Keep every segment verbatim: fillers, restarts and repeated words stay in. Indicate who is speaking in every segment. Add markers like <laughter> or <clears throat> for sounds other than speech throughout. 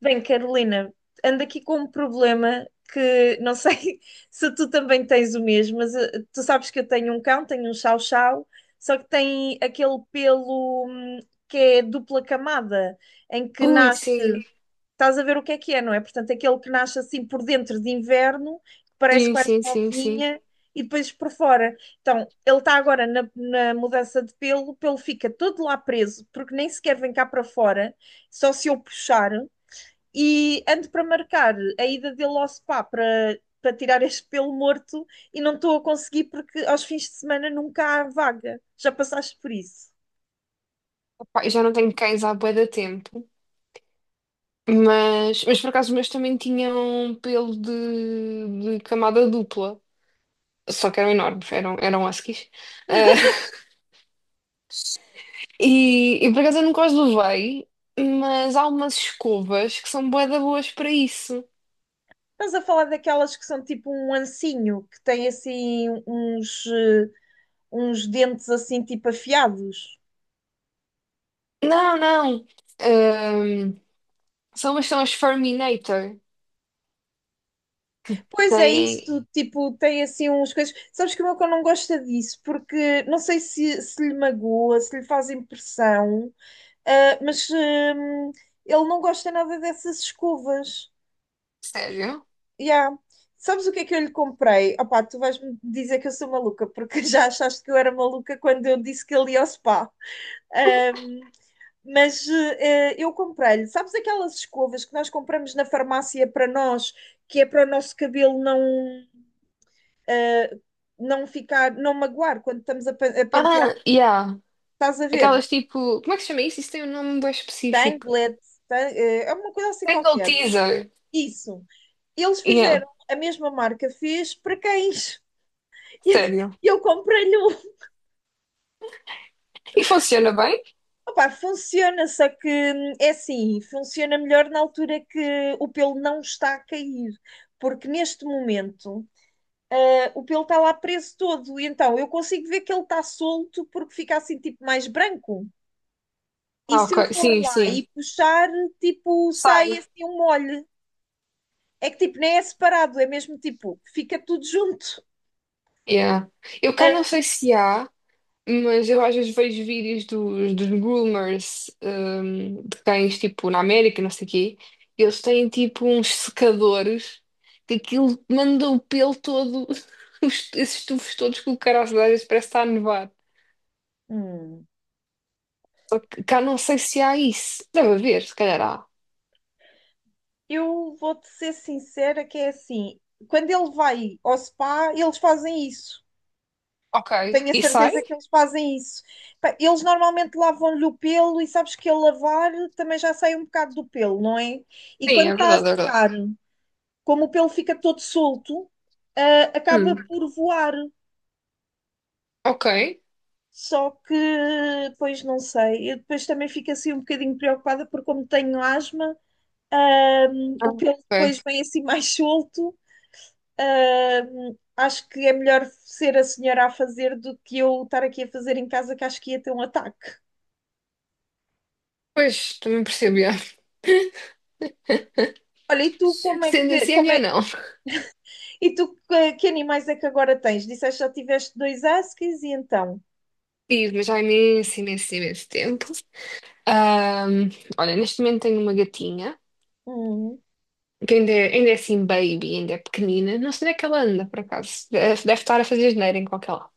Speaker 1: Bem, Carolina, ando aqui com um problema que não sei <laughs> se tu também tens o mesmo, mas eh, tu sabes que eu tenho um cão, tenho um chau chau, só que tem aquele pelo hum, que é dupla camada, em que
Speaker 2: Ui,
Speaker 1: nasce,
Speaker 2: sim.
Speaker 1: estás a ver o que é que é, não é? Portanto, aquele que nasce assim por dentro de inverno, que parece
Speaker 2: Sim,
Speaker 1: quase
Speaker 2: sim,
Speaker 1: uma
Speaker 2: sim, sim.
Speaker 1: ovinha, e depois por fora. Então, ele está agora na, na mudança de pelo, o pelo fica todo lá preso, porque nem sequer vem cá para fora, só se eu puxar, e ando para marcar a ida dele ao spa para, para tirar este pelo morto e não estou a conseguir porque aos fins de semana nunca há vaga. Já passaste por isso?
Speaker 2: Epá, eu já não tenho cães há bué de tempo. Mas, mas por acaso os meus também tinham pelo de, de camada dupla. Só que eram enormes, eram, eram huskies. Ah, <laughs> e, e por acaso eu nunca os levei, mas há umas escovas que são bué de boas para isso.
Speaker 1: Estás a falar daquelas que são tipo um ancinho, que tem assim uns, eh, uns dentes assim tipo afiados.
Speaker 2: Não, não. Ahm, são umas são as Furminator.
Speaker 1: Pois é
Speaker 2: Tem.
Speaker 1: isso, tipo, tem assim uns coisas. Sabes que o meu cão não gosta disso, porque não sei se, se lhe magoa, se lhe faz impressão, ah, mas hum, ele não gosta nada dessas escovas.
Speaker 2: Sério?
Speaker 1: Yeah. Sabes o que é que eu lhe comprei? Opá, tu vais-me dizer que eu sou maluca, porque <laughs> já achaste que eu era maluca quando eu disse que ele ia ao spa. Ahm, mas eh, eu comprei-lhe, sabes aquelas escovas que nós compramos na farmácia para nós, que é para o nosso cabelo não, não ficar, não magoar quando estamos a, pe- a pentear,
Speaker 2: Ah, yeah.
Speaker 1: estás a ver?
Speaker 2: Aquelas tipo. Como é que se chama isso? Isso tem um nome bem específico.
Speaker 1: Tanglet, tan- eh, é uma coisa assim
Speaker 2: Single
Speaker 1: qualquer.
Speaker 2: teaser.
Speaker 1: Isso. Eles
Speaker 2: Yeah,
Speaker 1: fizeram, a mesma marca fez para cães. <laughs>
Speaker 2: sério.
Speaker 1: E Eu comprei-lhe um.
Speaker 2: E funciona bem?
Speaker 1: Opa, funciona, só que hum, é assim, funciona melhor na altura que o pelo não está a cair, porque neste momento eh, o pelo está lá preso todo, e então eu consigo ver que ele está solto porque fica assim tipo mais branco. E
Speaker 2: Ah,
Speaker 1: se eu
Speaker 2: ok.
Speaker 1: for
Speaker 2: Sim,
Speaker 1: lá
Speaker 2: sim.
Speaker 1: e puxar, tipo, sai
Speaker 2: Sai.
Speaker 1: assim um molho. É que tipo, nem é separado, é mesmo tipo, fica tudo junto.
Speaker 2: Yeah. Eu cá não
Speaker 1: Eh,
Speaker 2: sei se há, mas eu às vezes vejo vídeos dos, dos groomers, hum, de cães, tipo, na América, não sei o quê. Eles têm, tipo, uns secadores que aquilo manda o pelo todo, <laughs> os- esses tufos todos que o cara às vezes parece estar a nevar.
Speaker 1: Hum.
Speaker 2: Cá não sei se há isso. Deve haver, se calhar há.
Speaker 1: Eu vou-te ser sincera que é assim, quando ele vai ao spa, eles fazem isso.
Speaker 2: Ok.
Speaker 1: Tenho a
Speaker 2: E
Speaker 1: certeza que
Speaker 2: sai?
Speaker 1: eles fazem isso. Pá, eles normalmente lavam-lhe o pelo e sabes que ao lavar também já sai um bocado do pelo, não é? E
Speaker 2: Sim,
Speaker 1: quando
Speaker 2: é
Speaker 1: está a
Speaker 2: verdade, é verdade.
Speaker 1: secar, como o pelo fica todo solto, ah, acaba
Speaker 2: Hum,
Speaker 1: por voar.
Speaker 2: ok.
Speaker 1: Só que, pois não sei, eu depois também fico assim um bocadinho preocupada porque como tenho asma, hum,
Speaker 2: Ah,
Speaker 1: o pelo depois
Speaker 2: ok.
Speaker 1: vem assim <laughs> mais solto. Hum, acho que é melhor ser a senhora a fazer do que eu estar aqui a fazer em casa, que acho que ia ter um ataque.
Speaker 2: Pois, também percebo, já.
Speaker 1: Olha, e tu
Speaker 2: <laughs>
Speaker 1: como é
Speaker 2: Sendo
Speaker 1: que
Speaker 2: assim, é
Speaker 1: como
Speaker 2: melhor
Speaker 1: é,
Speaker 2: não.
Speaker 1: e tu que, que animais é que agora tens? Disseste que já tiveste dois huskies e então?
Speaker 2: Tive, mas há imenso, imenso, imenso tempo. Ahm, olha, neste momento tenho uma gatinha,
Speaker 1: Hum,
Speaker 2: que ainda é, ainda é assim baby, ainda é pequenina. Não sei onde é que ela anda, por acaso. Deve, deve estar a fazer asneira em qualquer lado.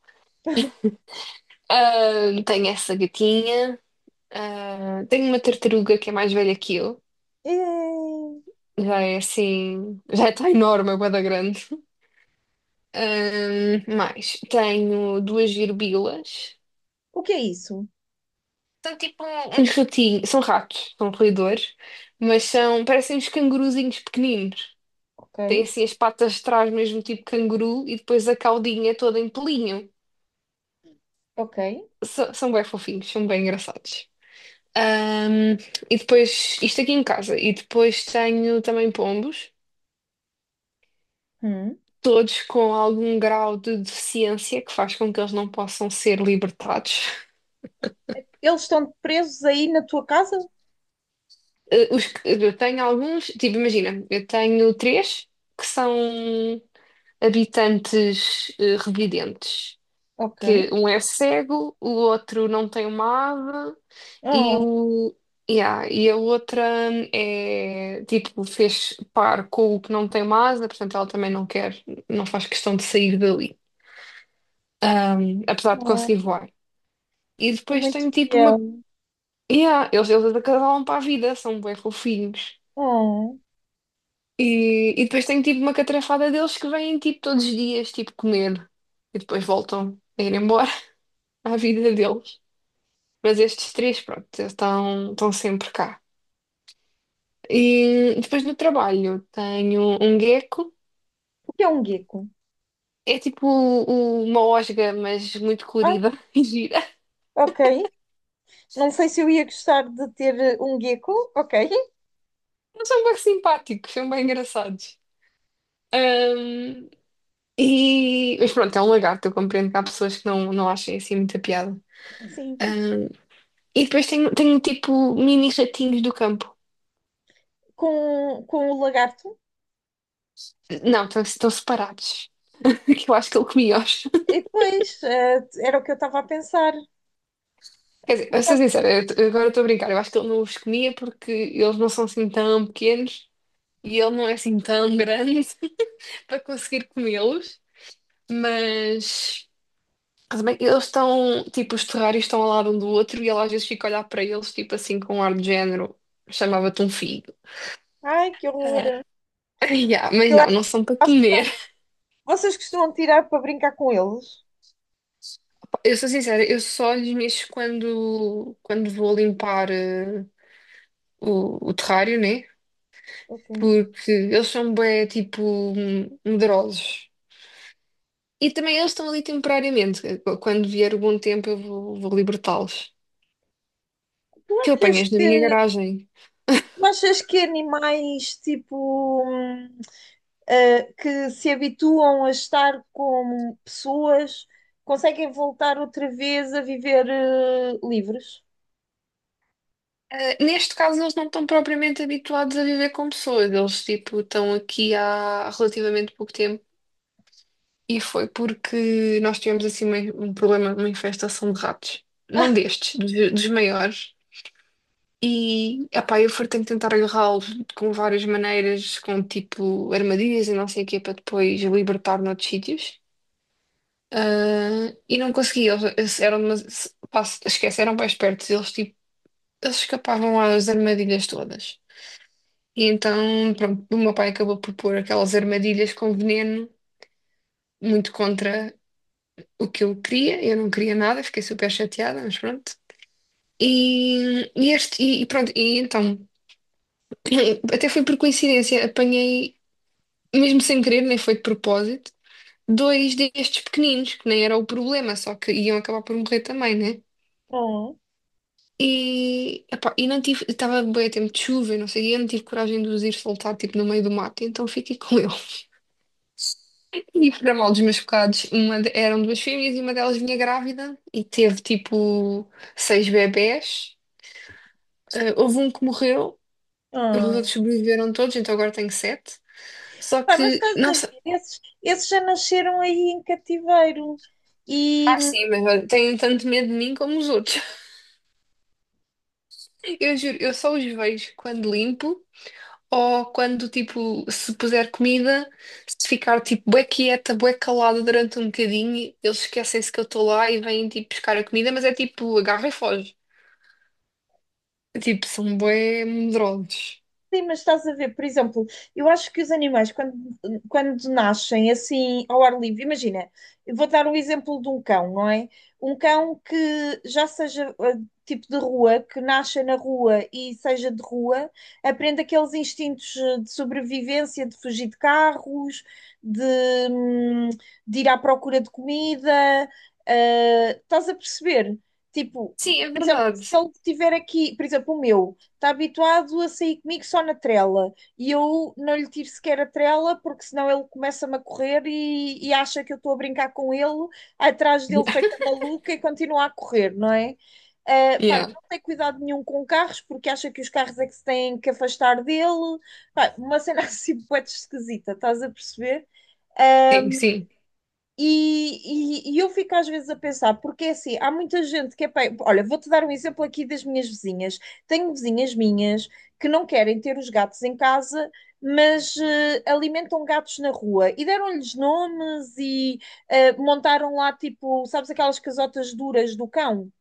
Speaker 2: Ahm, tenho essa gatinha. Ah, tenho uma tartaruga que é mais velha que eu.
Speaker 1: é,
Speaker 2: Já é assim, já está enorme, é bué da grande. Ahm, mais, tenho duas girbilas.
Speaker 1: o que é isso?
Speaker 2: São tipo Uns uns. ratinhos, são ratos, são roedores, mas são, parecem uns canguruzinhos pequeninos.
Speaker 1: Ok,
Speaker 2: Têm assim as patas de trás, mesmo tipo canguru, e depois a caudinha toda em pelinho.
Speaker 1: ok.
Speaker 2: São, são bem fofinhos, são bem engraçados. Ahm, e depois, isto aqui em casa, e depois tenho também pombos,
Speaker 1: Hum.
Speaker 2: todos com algum grau de deficiência que faz com que eles não possam ser libertados.
Speaker 1: Eles estão presos aí na tua casa?
Speaker 2: Eh, os que- eu tenho alguns, tipo, imagina, eu tenho três que são. Habitantes eh, revidentes,
Speaker 1: Ok.
Speaker 2: que um é cego, o outro não tem uma ave e
Speaker 1: Oh,
Speaker 2: o yeah, e a outra hum, é tipo fez par com o que não tem uma asa, portanto ela também não quer, não faz questão de sair dali, apesar de
Speaker 1: oh,
Speaker 2: conseguir voar. E
Speaker 1: é
Speaker 2: depois
Speaker 1: muito
Speaker 2: tem tipo uma
Speaker 1: fiel.
Speaker 2: yeah, eles eles acasalam para a vida, são bem fofinhos.
Speaker 1: Oh.
Speaker 2: E, e depois tem tipo uma catrafada deles que vêm tipo todos os dias tipo comer e depois voltam a ir embora <laughs> à vida deles. Mas estes três, pronto, estão, estão sempre cá. E depois no trabalho tenho um gecko.
Speaker 1: O que é um gecko?
Speaker 2: É tipo o- uma osga, mas muito
Speaker 1: Ah,
Speaker 2: colorida <laughs> e gira.
Speaker 1: ok. Não sei se eu ia gostar de ter eh, um gecko, ok?
Speaker 2: Eles são bem simpáticos, são bem engraçados. Ahm, e... Mas pronto, é um lagarto. Eu compreendo que há pessoas que não, não achem assim muita piada.
Speaker 1: Sim.
Speaker 2: Ahm, e depois tenho, tenho tipo mini ratinhos do campo.
Speaker 1: Com, com o lagarto.
Speaker 2: Não, estão, estão separados. <laughs> Que eu acho que ele comia-os.
Speaker 1: E depois, eh, era o que eu estava a pensar.
Speaker 2: Quer dizer, a ser sincera, eu t- agora estou a brincar. Eu acho que ele não os comia porque eles não são assim tão pequenos e ele não é assim tão grande <laughs> para conseguir comê-los. Mas também eles estão, tipo, os terrários estão ao lado um do outro e ele às vezes fica a olhar para eles, tipo assim, com um ar de género, chamava-te um filho.
Speaker 1: Ai, que
Speaker 2: Ah,
Speaker 1: horror!
Speaker 2: <laughs> yeah, mas
Speaker 1: Eu
Speaker 2: não,
Speaker 1: acho que
Speaker 2: não são para
Speaker 1: assustar.
Speaker 2: comer.
Speaker 1: Vocês costumam tirar para brincar com eles?
Speaker 2: Eu sou sincera, eu só lhes mexo quando, quando vou limpar eh, o, o terrário, né?
Speaker 1: Ok.
Speaker 2: Porque eles são bem, tipo, medrosos. E também eles estão ali temporariamente. Quando vier o bom tempo, eu vou, vou libertá-los.
Speaker 1: Tu
Speaker 2: Que eu
Speaker 1: achas
Speaker 2: apanhas na
Speaker 1: que,
Speaker 2: minha garagem.
Speaker 1: tu achas que animais tipo hum, eh, que se habituam a estar com pessoas conseguem voltar outra vez a viver eh, livres?
Speaker 2: Ah, neste caso, eles não estão propriamente habituados a viver com pessoas. Eles, tipo, estão aqui há relativamente pouco tempo. E foi porque nós tivemos, assim, uma- um problema, uma infestação de ratos. Não destes, dos, dos maiores. E, epá, eu for tenho que tentar agarrá-lo com várias maneiras, com tipo armadilhas e não sei o quê, para depois libertar noutros sítios. Ah, e não consegui, eles eles eram, demas- pá, esquece, eram bem espertos, eles tipo, eles escapavam às armadilhas todas. E então, pronto, o meu pai acabou por pôr aquelas armadilhas com veneno, muito contra o que eu queria, eu não queria nada, fiquei super chateada, mas pronto. E, e este, e, e pronto, e então, <clears throat> até foi por coincidência, apanhei mesmo sem querer, nem foi de propósito, dois destes pequeninos, que nem era o problema, só que iam acabar por morrer também, né?
Speaker 1: Oh,
Speaker 2: E, epá, e não tive, estava bem a tempo de chuva, e não sei, e eu não tive coragem de os ir soltar, tipo, no meio do mato, então fiquei com ele. <laughs> E para mal dos meus bocados, uma de- eram duas fêmeas e uma delas vinha grávida e teve, tipo, seis bebés. Eh, houve um que morreu, os outros
Speaker 1: oh.
Speaker 2: sobreviveram todos, então agora tenho sete. Só
Speaker 1: Pá, mas
Speaker 2: que,
Speaker 1: estás
Speaker 2: não
Speaker 1: a ver,
Speaker 2: sei,
Speaker 1: esses, esses já nasceram aí em cativeiro e
Speaker 2: ah, sim, mas olha, têm tanto medo de mim como os outros. Eu juro, eu só os vejo quando limpo ou quando, tipo, se puser comida, se ficar, tipo, bué quieta, bué calada durante um bocadinho, eles esquecem-se que eu estou lá e vêm, tipo, buscar a comida, mas é tipo, agarra e foge. É, tipo, são bué medrosos.
Speaker 1: sim, mas estás a ver, por exemplo, eu acho que os animais, quando, quando nascem assim ao ar livre, imagina, eu vou dar o exemplo de um cão, não é? Um cão que já seja eh, tipo de rua, que nasça na rua e seja de rua, aprende aqueles instintos eh, de sobrevivência, de fugir de carros, de, hum, de ir à procura de comida, eh, estás a perceber? Tipo,
Speaker 2: Sim, é verdade.
Speaker 1: se ele tiver aqui, por exemplo, o meu, está habituado a sair comigo só na trela e eu não lhe tiro sequer a trela porque senão ele começa-me a correr e, e acha que eu estou a brincar com ele, atrás dele feita
Speaker 2: <laughs>
Speaker 1: maluca e continua a correr, não é? Uh, pá,
Speaker 2: Yeah. Yeah.
Speaker 1: não tem cuidado nenhum com carros porque acha que os carros é que se têm que afastar dele. Pá, uma cena <laughs> assim, poeta esquisita, estás a perceber? Ah,
Speaker 2: Sim, sim.
Speaker 1: e, e- e eu fico às vezes a pensar, porque é assim, há muita gente que é. pai- olha, vou-te dar um exemplo aqui das minhas vizinhas. Tenho vizinhas minhas que não querem ter os gatos em casa, mas eh, alimentam gatos na rua e deram-lhes nomes e eh, montaram lá, tipo, sabes aquelas casotas duras do cão?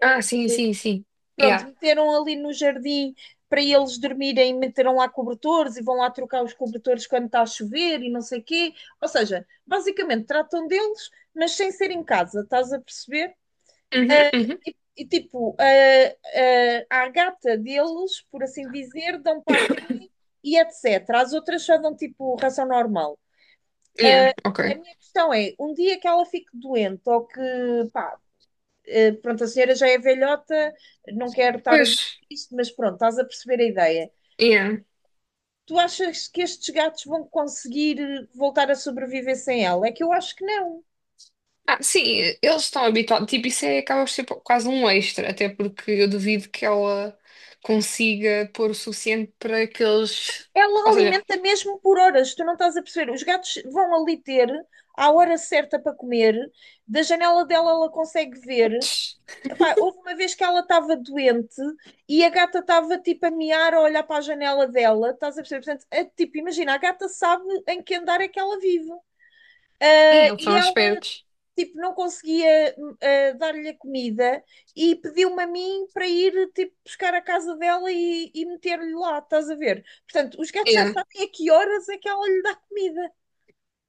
Speaker 2: Ah, sim, sim, sim.
Speaker 1: Pronto,
Speaker 2: Yeah.
Speaker 1: meteram ali no jardim para eles dormirem, meteram lá cobertores e vão lá trocar os cobertores quando está a chover e não sei o quê. Ou seja, basicamente tratam deles, mas sem ser em casa, estás a perceber?
Speaker 2: Uhum,
Speaker 1: Ah,
Speaker 2: uhum.
Speaker 1: e, e, tipo, a à gata deles, por assim dizer, dão patinho e etcétera. As outras só dão tipo ração normal.
Speaker 2: Yeah,
Speaker 1: Ah, a
Speaker 2: ok.
Speaker 1: minha questão é, um dia que ela fique doente ou que, pá, Uh, pronto, a senhora já é velhota, não quero estar a
Speaker 2: Pois,
Speaker 1: dizer isto, mas pronto, estás a perceber a ideia.
Speaker 2: yeah.
Speaker 1: Tu achas que estes gatos vão conseguir eh, voltar a sobreviver sem ela? É que eu acho que não.
Speaker 2: Ah, sim, eles estão habituados. Tipo, isso é, acaba por ser quase um extra, até porque eu duvido que ela consiga pôr o suficiente para que eles.
Speaker 1: Ela
Speaker 2: Ou seja,
Speaker 1: alimenta mesmo por horas, tu não estás a perceber. Os gatos vão ali ter à hora certa para comer, da janela dela ela consegue ver. Epá, houve uma vez que ela estava doente e a gata estava tipo a miar a olhar para a janela dela, estás a perceber? Portanto, é, tipo, imagina, a gata sabe em que andar é que ela vive.
Speaker 2: sim,
Speaker 1: Eh,
Speaker 2: eles
Speaker 1: E
Speaker 2: são
Speaker 1: ela
Speaker 2: espertos.
Speaker 1: tipo, não conseguia uh, dar-lhe a comida e pediu-me a mim para ir, tipo, buscar a casa dela e, e meter-lhe lá, estás a ver? Portanto, os gatos já
Speaker 2: É.
Speaker 1: sabem a que horas é que ela lhe dá comida.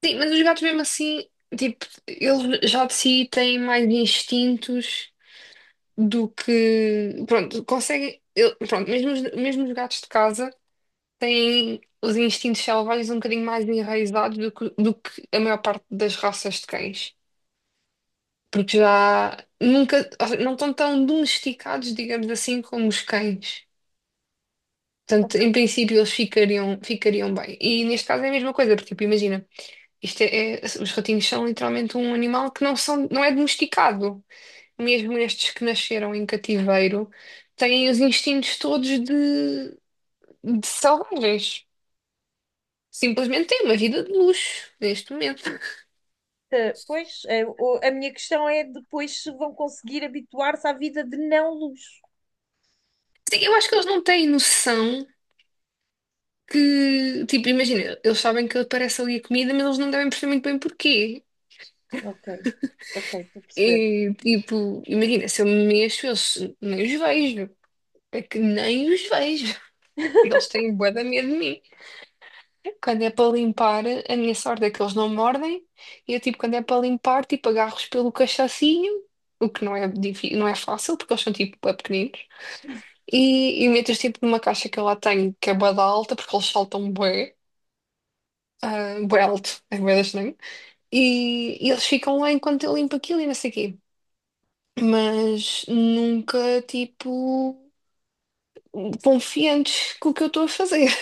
Speaker 2: Sim, mas os gatos, mesmo assim, tipo, eles já de si têm mais instintos do que. Pronto, conseguem. eu- Pronto, mesmo os, mesmo os gatos de casa têm os instintos selvagens um bocadinho mais enraizados do que, do que a maior parte das raças de cães. Porque já nunca, não estão tão domesticados, digamos assim, como os cães. Portanto,
Speaker 1: Portanto,
Speaker 2: em princípio, eles ficariam, ficariam bem. E neste caso é a mesma coisa, porque, tipo, imagina, isto é, é- os ratinhos são literalmente um animal que não são, não é domesticado. Mesmo estes que nasceram em cativeiro, têm os instintos todos de, de selvagens. Simplesmente têm uma vida de luxo neste momento.
Speaker 1: eh, Pois, eh, o- a minha questão é depois se vão conseguir habituar-se à vida de não luz.
Speaker 2: Sim, eu acho que eles não têm noção. Que, tipo, imagina, eles sabem que aparece ali a comida, mas eles não devem perceber muito bem porquê.
Speaker 1: Ok, ok, estou a perceber.
Speaker 2: E, tipo, imagina, se eu me mexo, eu se- nem os vejo. É que nem os vejo. <laughs> Eles têm bué de medo de mim. Quando é para limpar, a minha sorte é que eles não mordem. E eu, tipo, quando é para limpar, tipo, agarro-os pelo cachacinho, o que não é, difí- não é fácil, porque eles são, tipo, bué pequeninos. E, e meto-os, tipo, numa caixa que eu lá tenho, que é bué da alta, porque eles saltam bué, ah, bué alto, é bué da. E, e eles ficam lá enquanto eu limpo aquilo e não sei o quê. Mas nunca, tipo, confiantes com o que eu estou a fazer. <laughs>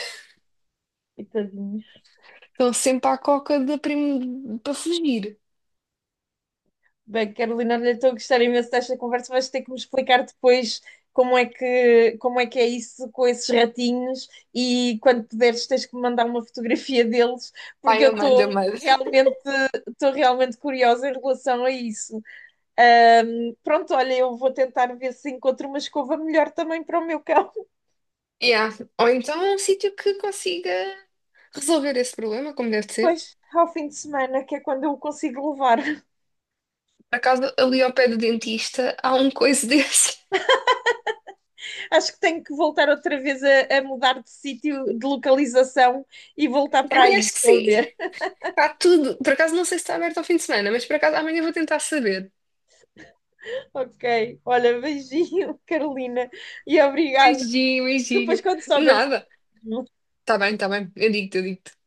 Speaker 1: E tadinhos.
Speaker 2: Estão sempre à coca da prim... para fugir.
Speaker 1: Bem, Carolina, olha, estou a gostar imenso desta conversa. Vais ter que me explicar depois como é que, como é que é isso com esses ratinhos e quando puderes tens que me mandar uma fotografia <laughs> deles, porque
Speaker 2: Pai,
Speaker 1: eu
Speaker 2: Amanda,
Speaker 1: estou
Speaker 2: Amanda.
Speaker 1: realmente, estou realmente curiosa em relação a isso. Ahm, pronto, olha, eu vou tentar ver se encontro uma escova melhor também para o meu cão. <laughs>
Speaker 2: Yeah. Ou então um sítio que consiga resolver esse problema, como deve ser.
Speaker 1: Pois ao fim de semana, que é quando eu o consigo levar. <laughs>
Speaker 2: Por acaso, ali ao pé do dentista, há um coisa desse.
Speaker 1: Acho que tenho que voltar outra vez a, a mudar de sítio, de localização e voltar
Speaker 2: <laughs>
Speaker 1: para
Speaker 2: Também
Speaker 1: aí.
Speaker 2: acho que
Speaker 1: Estou a
Speaker 2: sim.
Speaker 1: ver.
Speaker 2: Está tudo. Por acaso, não sei se está aberto ao fim de semana, mas por acaso, amanhã vou tentar saber.
Speaker 1: Ok. Olha, beijinho, <laughs> Carolina. E obrigada.
Speaker 2: Beijinho, beijinho.
Speaker 1: Depois, quando souberes,
Speaker 2: Nada. Tá bem, tá bem. Eu digo-te, eu digo-te.